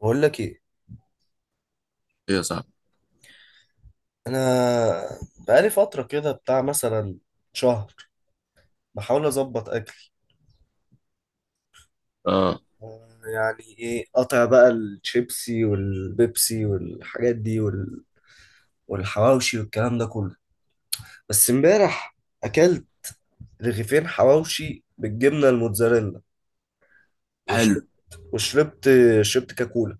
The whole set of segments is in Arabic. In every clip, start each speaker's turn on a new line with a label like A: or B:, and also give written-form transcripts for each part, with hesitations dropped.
A: بقول لك ايه؟
B: ايه يا صاحبي.
A: انا بقالي فتره كده بتاع مثلا شهر، بحاول اظبط اكل.
B: اه.
A: يعني ايه؟ قطع بقى الشيبسي والبيبسي والحاجات دي والحواوشي والكلام ده كله. بس امبارح اكلت رغيفين حواوشي بالجبنه الموتزاريلا،
B: حلو.
A: وشربت وشربت كاكولا.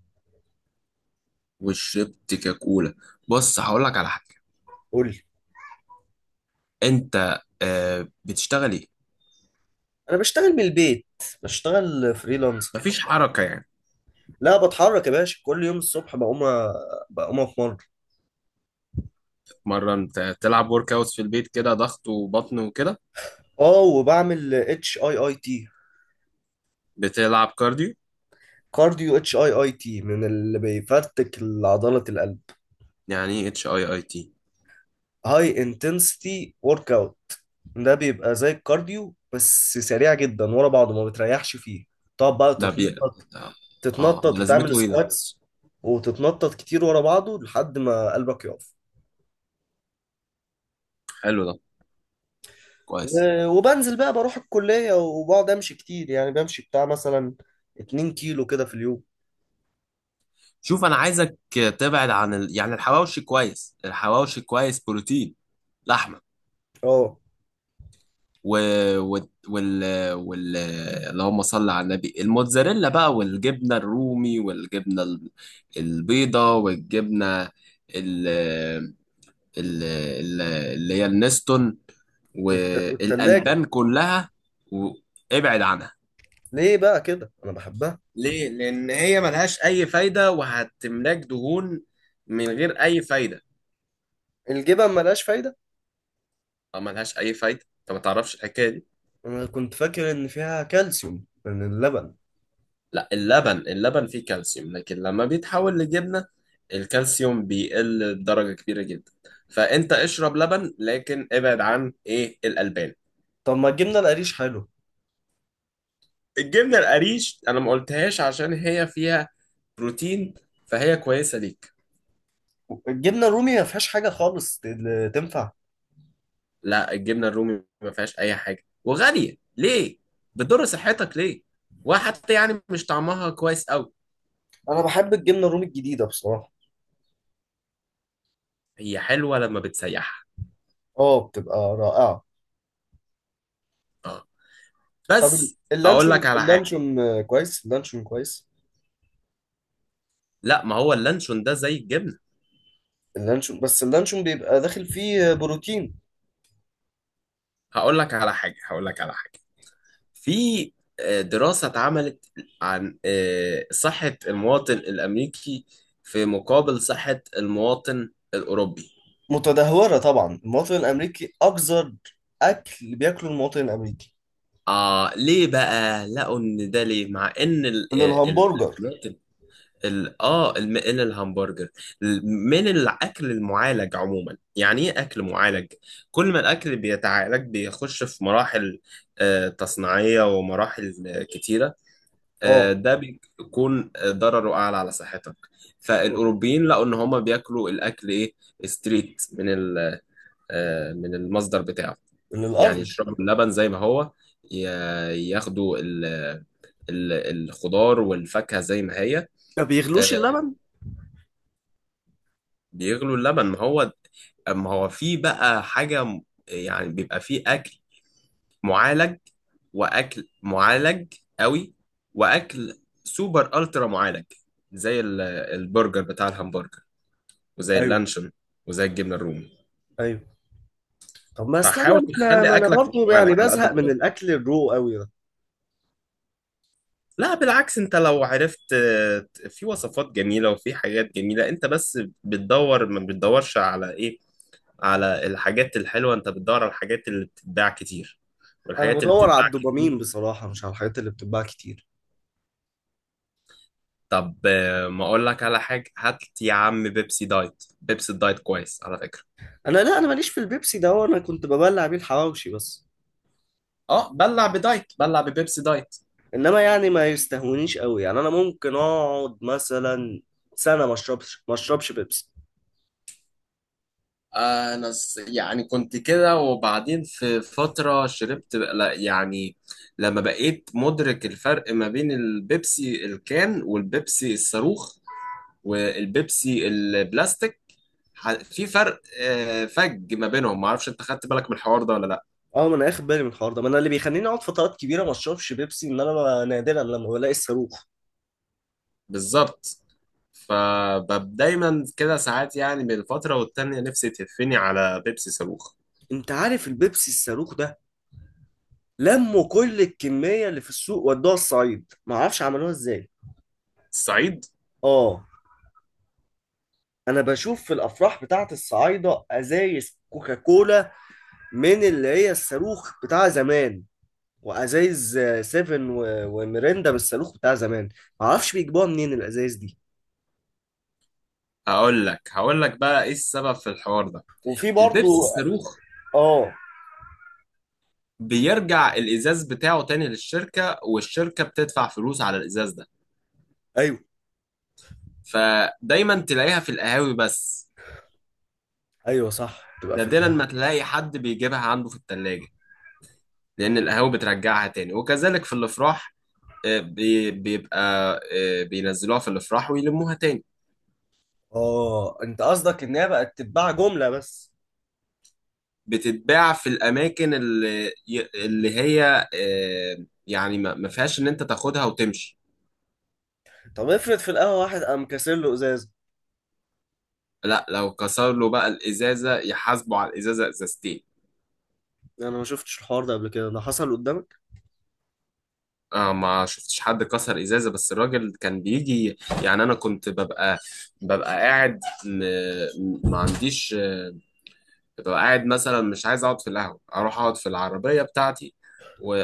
B: وشربت كاكولا. بص، هقول لك على حاجه.
A: قول لي.
B: انت بتشتغل ايه؟
A: انا بشتغل من البيت، بشتغل فريلانسر.
B: مفيش حركه يعني.
A: لا بتحرك يا باشا، كل يوم الصبح بقوم اتمرن.
B: مره انت تلعب ورك اوت في البيت كده، ضغط وبطن وكده؟
A: اه، وبعمل اتش اي اي تي.
B: بتلعب كارديو؟
A: كارديو اتش اي اي تي من اللي بيفرتك عضلة القلب.
B: يعني ايه اتش اي اي تي؟
A: هاي انتنسيتي ورك اوت. ده بيبقى زي الكارديو بس سريع جدا ورا بعضه ما بتريحش فيه. تقعد بقى
B: ده بي
A: تتنطط
B: اه. ده
A: تتنطط وتعمل
B: لازمته ايه ده؟
A: سكواتس، وتتنطط كتير ورا بعضه لحد ما قلبك يقف.
B: حلو ده. كويس.
A: وبنزل بقى، بروح الكلية وبقعد امشي كتير، يعني بمشي بتاع مثلا 2 كيلو كده في اليوم.
B: شوف، انا عايزك تبعد عن يعني الحواوشي كويس، الحواوشي كويس بروتين، لحمه.
A: اه.
B: و... وال... وال... وال... اللهم صل على النبي، الموتزاريلا بقى، والجبنة الرومي، والجبنة البيضة، والجبنة ال... ال... ال- اللي هي النستون،
A: والتلاجة.
B: والألبان كلها. وابعد عنها.
A: ليه بقى كده؟ انا بحبها.
B: ليه؟ لأن هي ملهاش أي فايدة، وهتملاك دهون من غير أي فايدة.
A: الجبن ملهاش فايدة؟
B: أو ملهاش أي فايدة، أنت ما تعرفش الحكاية دي.
A: انا كنت فاكر ان فيها كالسيوم من اللبن.
B: لا، اللبن فيه كالسيوم، لكن لما بيتحول لجبنة الكالسيوم بيقل بدرجة كبيرة جدا. فانت اشرب لبن، لكن ابعد عن ايه الألبان.
A: طب ما الجبنه القريش حلو.
B: الجبنة القريش انا ما قلتهاش عشان هي فيها بروتين، فهي كويسة ليك.
A: الجبنه الرومي ما فيهاش حاجه خالص تنفع؟
B: لا، الجبنة الرومي ما فيهاش اي حاجة، وغالية ليه، بتضر صحتك ليه، وحتى يعني مش طعمها كويس قوي.
A: انا بحب الجبنه الرومي الجديده بصراحه.
B: هي حلوة لما بتسيحها.
A: اه بتبقى رائعه.
B: اه.
A: طب
B: بس اقول لك
A: اللانشون
B: على حاجة.
A: اللانشون كويس، اللانشون كويس.
B: لا، ما هو اللانشون ده زي الجبنة.
A: اللانشون بس اللانشون بيبقى داخل فيه بروتين.
B: هقول لك على حاجة. في دراسة اتعملت عن صحة المواطن الأمريكي في مقابل صحة المواطن الأوروبي.
A: متدهوره طبعا، المواطن الامريكي اكثر. اكل بياكله المواطن الامريكي.
B: آه، ليه بقى؟ لقوا إن ده ليه، مع إن
A: من
B: ال
A: الهمبرجر.
B: ال إن الهمبرجر، من الأكل المعالج عموما. يعني إيه أكل معالج؟ كل ما الأكل بيتعالج بيخش في مراحل تصنيعية، ومراحل كتيرة.
A: اه.
B: ده بيكون ضرره اعلى على صحتك.
A: آه.
B: فالاوروبيين لقوا ان هما بياكلوا الاكل ايه، ستريت من من المصدر بتاعه.
A: من
B: يعني
A: الارض.
B: يشربوا اللبن زي ما هو، ي- ياخدوا ال- الخضار والفاكهة زي ما هي.
A: ما
B: آه،
A: بيغلوش اللبن.
B: بيغلوا اللبن. ما هو في بقى حاجة يعني بيبقى فيه أكل معالج، واكل معالج قوي، واكل سوبر الترا معالج، زي البرجر بتاع الهمبرجر، وزي
A: ايوه.
B: اللانشون، وزي الجبنه الرومي.
A: ايوه. طب ما اصل انا.
B: فحاول
A: ما
B: تخلي
A: انا
B: اكلك مش
A: برضه يعني
B: معالج على قد ما
A: بزهق من
B: تقدر.
A: الاكل الرو قوي ده.
B: لا بالعكس، انت لو عرفت، في وصفات جميله وفي حاجات جميله. انت بس بتدور، ما بتدورش على ايه، على الحاجات الحلوه، انت بتدور على الحاجات اللي بتتباع كتير،
A: انا
B: والحاجات اللي
A: بدور على
B: بتتباع كتير.
A: الدوبامين بصراحه، مش على الحاجات اللي بتتباع كتير.
B: طب ما اقول لك على حاجه. هات يا عم بيبسي دايت، بيبسي دايت كويس على فكره.
A: انا، لا، انا ماليش في البيبسي ده، هو انا كنت ببلع بيه الحواوشي بس.
B: اه، بلع بدايت، بلع ببيبسي دايت.
A: انما يعني ما يستهونيش قوي، يعني انا ممكن اقعد مثلا سنه ما اشربش بيبسي.
B: انا يعني كنت كده، وبعدين في فتره شربت لا يعني، لما بقيت مدرك الفرق ما بين البيبسي الكان والبيبسي الصاروخ والبيبسي البلاستيك. في فرق فج ما بينهم، ما اعرفش انت خدت بالك من الحوار ده ولا لا.
A: اه، ما انا اخد بالي من الحوار ده، ما انا اللي بيخليني اقعد فترات كبيره ما اشربش بيبسي، ان انا نادرا لما بلاقي الصاروخ.
B: بالظبط. فدايما كده ساعات يعني بين فترة والتانية نفسي تهفني على بيبسي صاروخ.
A: انت عارف البيبسي الصاروخ ده؟ لموا كل الكميه اللي في السوق ودوها الصعيد، ما اعرفش عملوها ازاي.
B: الصعيد.
A: اه. انا بشوف في الافراح بتاعت الصعايده ازايز كوكاكولا، من اللي هي الصاروخ بتاع زمان، وازايز سيفن وميريندا من الصاروخ بتاع زمان. معرفش بيجيبوها منين الازايز دي.
B: هقول لك بقى ايه السبب في الحوار ده.
A: وفي
B: البيبسي
A: برضو.
B: الصاروخ
A: اه.
B: بيرجع الازاز بتاعه تاني للشركة، والشركة بتدفع فلوس على الازاز ده.
A: ايوه.
B: فدايما تلاقيها في القهاوي بس.
A: ايوه صح، تبقى في
B: نادرا
A: القهوه.
B: ما تلاقي حد بيجيبها عنده في التلاجة، لان القهاوي بترجعها تاني، وكذلك في الافراح. بيبقى بينزلوها في الافراح ويلموها تاني.
A: اه، انت قصدك ان هي بقت تتباع جمله بس.
B: بتتباع في الاماكن اللي اللي هي آه، يعني ما فيهاش ان انت تاخدها وتمشي.
A: طب افرض في القهوه واحد قام كاسر له ازاز.
B: لا، لو كسر له بقى الازازه، يحاسبه على الازازه، ازازتين.
A: انا ما شفتش الحوار ده قبل كده، ده حصل قدامك؟
B: آه، ما شفتش حد كسر ازازه، بس الراجل كان بيجي. يعني انا كنت ببقى قاعد م- ما عنديش ببقى قاعد مثلا، مش عايز اقعد في القهوة، اروح اقعد في العربية بتاعتي،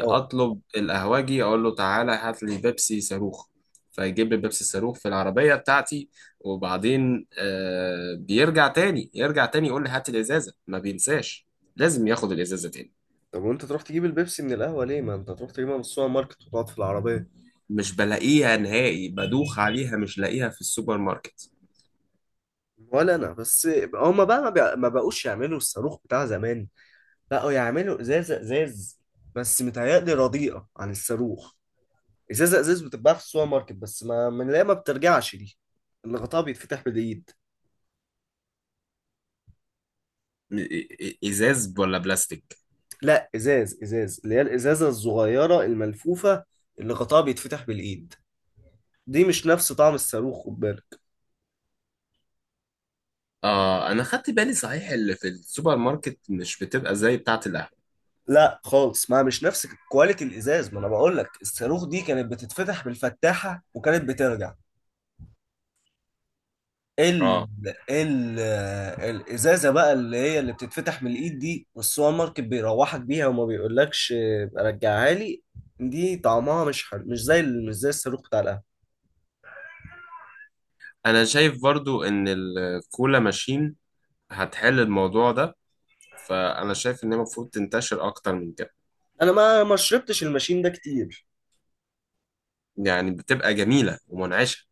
A: اه.
B: القهوجي، اقول له تعالى هات لي بيبسي صاروخ. فيجيب لي بيبسي صاروخ في العربية بتاعتي، وبعدين بيرجع تاني، يرجع تاني يقول لي هات الازازة، ما بينساش لازم ياخد الازازة تاني.
A: طب وانت تروح تجيب البيبسي من القهوه ليه؟ ما انت تروح تجيبها من السوبر ماركت وتقعد في العربيه.
B: مش بلاقيها نهائي، بدوخ عليها مش لاقيها في السوبر ماركت.
A: ولا انا بس. هما بقى ما بقوش يعملوا الصاروخ بتاع زمان، بقوا يعملوا ازازه ازاز، بس متهيألي رديئه عن الصاروخ. ازازه ازاز بتتباع في السوبر ماركت بس، ما من اللي هي ما بترجعش دي، اللي غطاها بيتفتح بالايد.
B: ازاز ولا بلاستيك؟
A: لا، ازاز ازاز، اللي هي الازازه الصغيره الملفوفه، اللي غطاها بيتفتح بالايد. دي مش نفس طعم الصاروخ، خد بالك.
B: اه، انا خدت بالي صحيح، اللي في السوبر ماركت مش بتبقى زي بتاعة القهوة.
A: لا خالص، ما مش نفس كواليتي الازاز، ما انا بقول لك الصاروخ دي كانت بتتفتح بالفتاحه وكانت بترجع ال
B: اه.
A: ال الازازه بقى، اللي هي اللي بتتفتح من الايد دي، والسوبر ماركت بيروحك بيها وما بيقولكش رجعها لي. دي طعمها مش حلو، مش زي الصاروخ بتاع القهوه.
B: انا شايف برضو ان الكولا ماشين هتحل الموضوع ده، فانا شايف ان هي المفروض تنتشر اكتر من كده.
A: انا ما شربتش الماشين ده كتير.
B: يعني بتبقى جميله ومنعشه.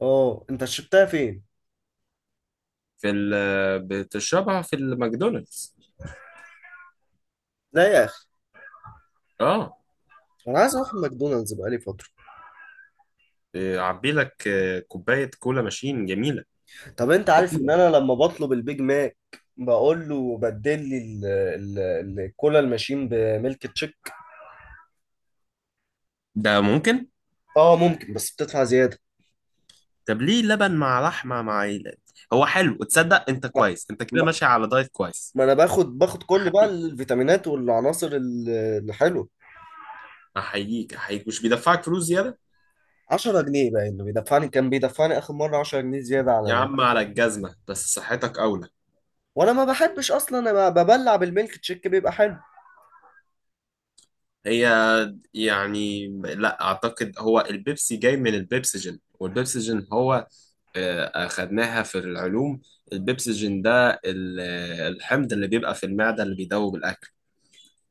A: اه، انت شربتها فين؟
B: في ال بتشربها في الماكدونالدز.
A: لا يا اخي،
B: اه.
A: انا عايز اروح ماكدونالدز بقالي فتره.
B: عبي لك كوبايه كولا ماشين جميله،
A: طب انت عارف ان
B: خطيره.
A: انا لما بطلب البيج ماك بقول له بدل لي الكولا الماشين بميلك تشيك.
B: ده ممكن.
A: اه ممكن بس بتدفع زياده.
B: طب ليه لبن مع لحمه مع هو حلو، تصدق انت كويس، انت كده ماشي على دايت كويس.
A: ما انا باخد كل بقى
B: احييك،
A: الفيتامينات والعناصر الحلوه.
B: احييك، احييك. مش بيدفعك فلوس زياده؟
A: 10 جنيه بقى اللي بيدفعني، كان بيدفعني اخر مره 10 جنيه زياده على
B: يا عم على الجزمه، بس صحتك اولى.
A: وانا ما بحبش اصلا، انا ببلع بالميلك تشيك بيبقى حلو.
B: هي يعني لا اعتقد، هو البيبسي جاي من البيبسجين، والبيبسجين هو اخدناها في العلوم. البيبسجين ده الحمض اللي بيبقى في المعدة اللي بيدوب الاكل.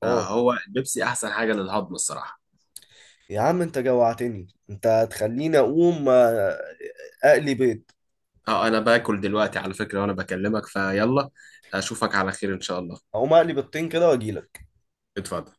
A: اه
B: فهو البيبسي احسن حاجة للهضم، الصراحة.
A: يا عم انت جوعتني، انت هتخليني اقوم اقلي بيض.
B: اه، انا باكل دلوقتي على فكرة وانا بكلمك فيلا. اشوفك على خير ان شاء الله.
A: اقوم اقلي بيضتين كده واجيلك.
B: اتفضل.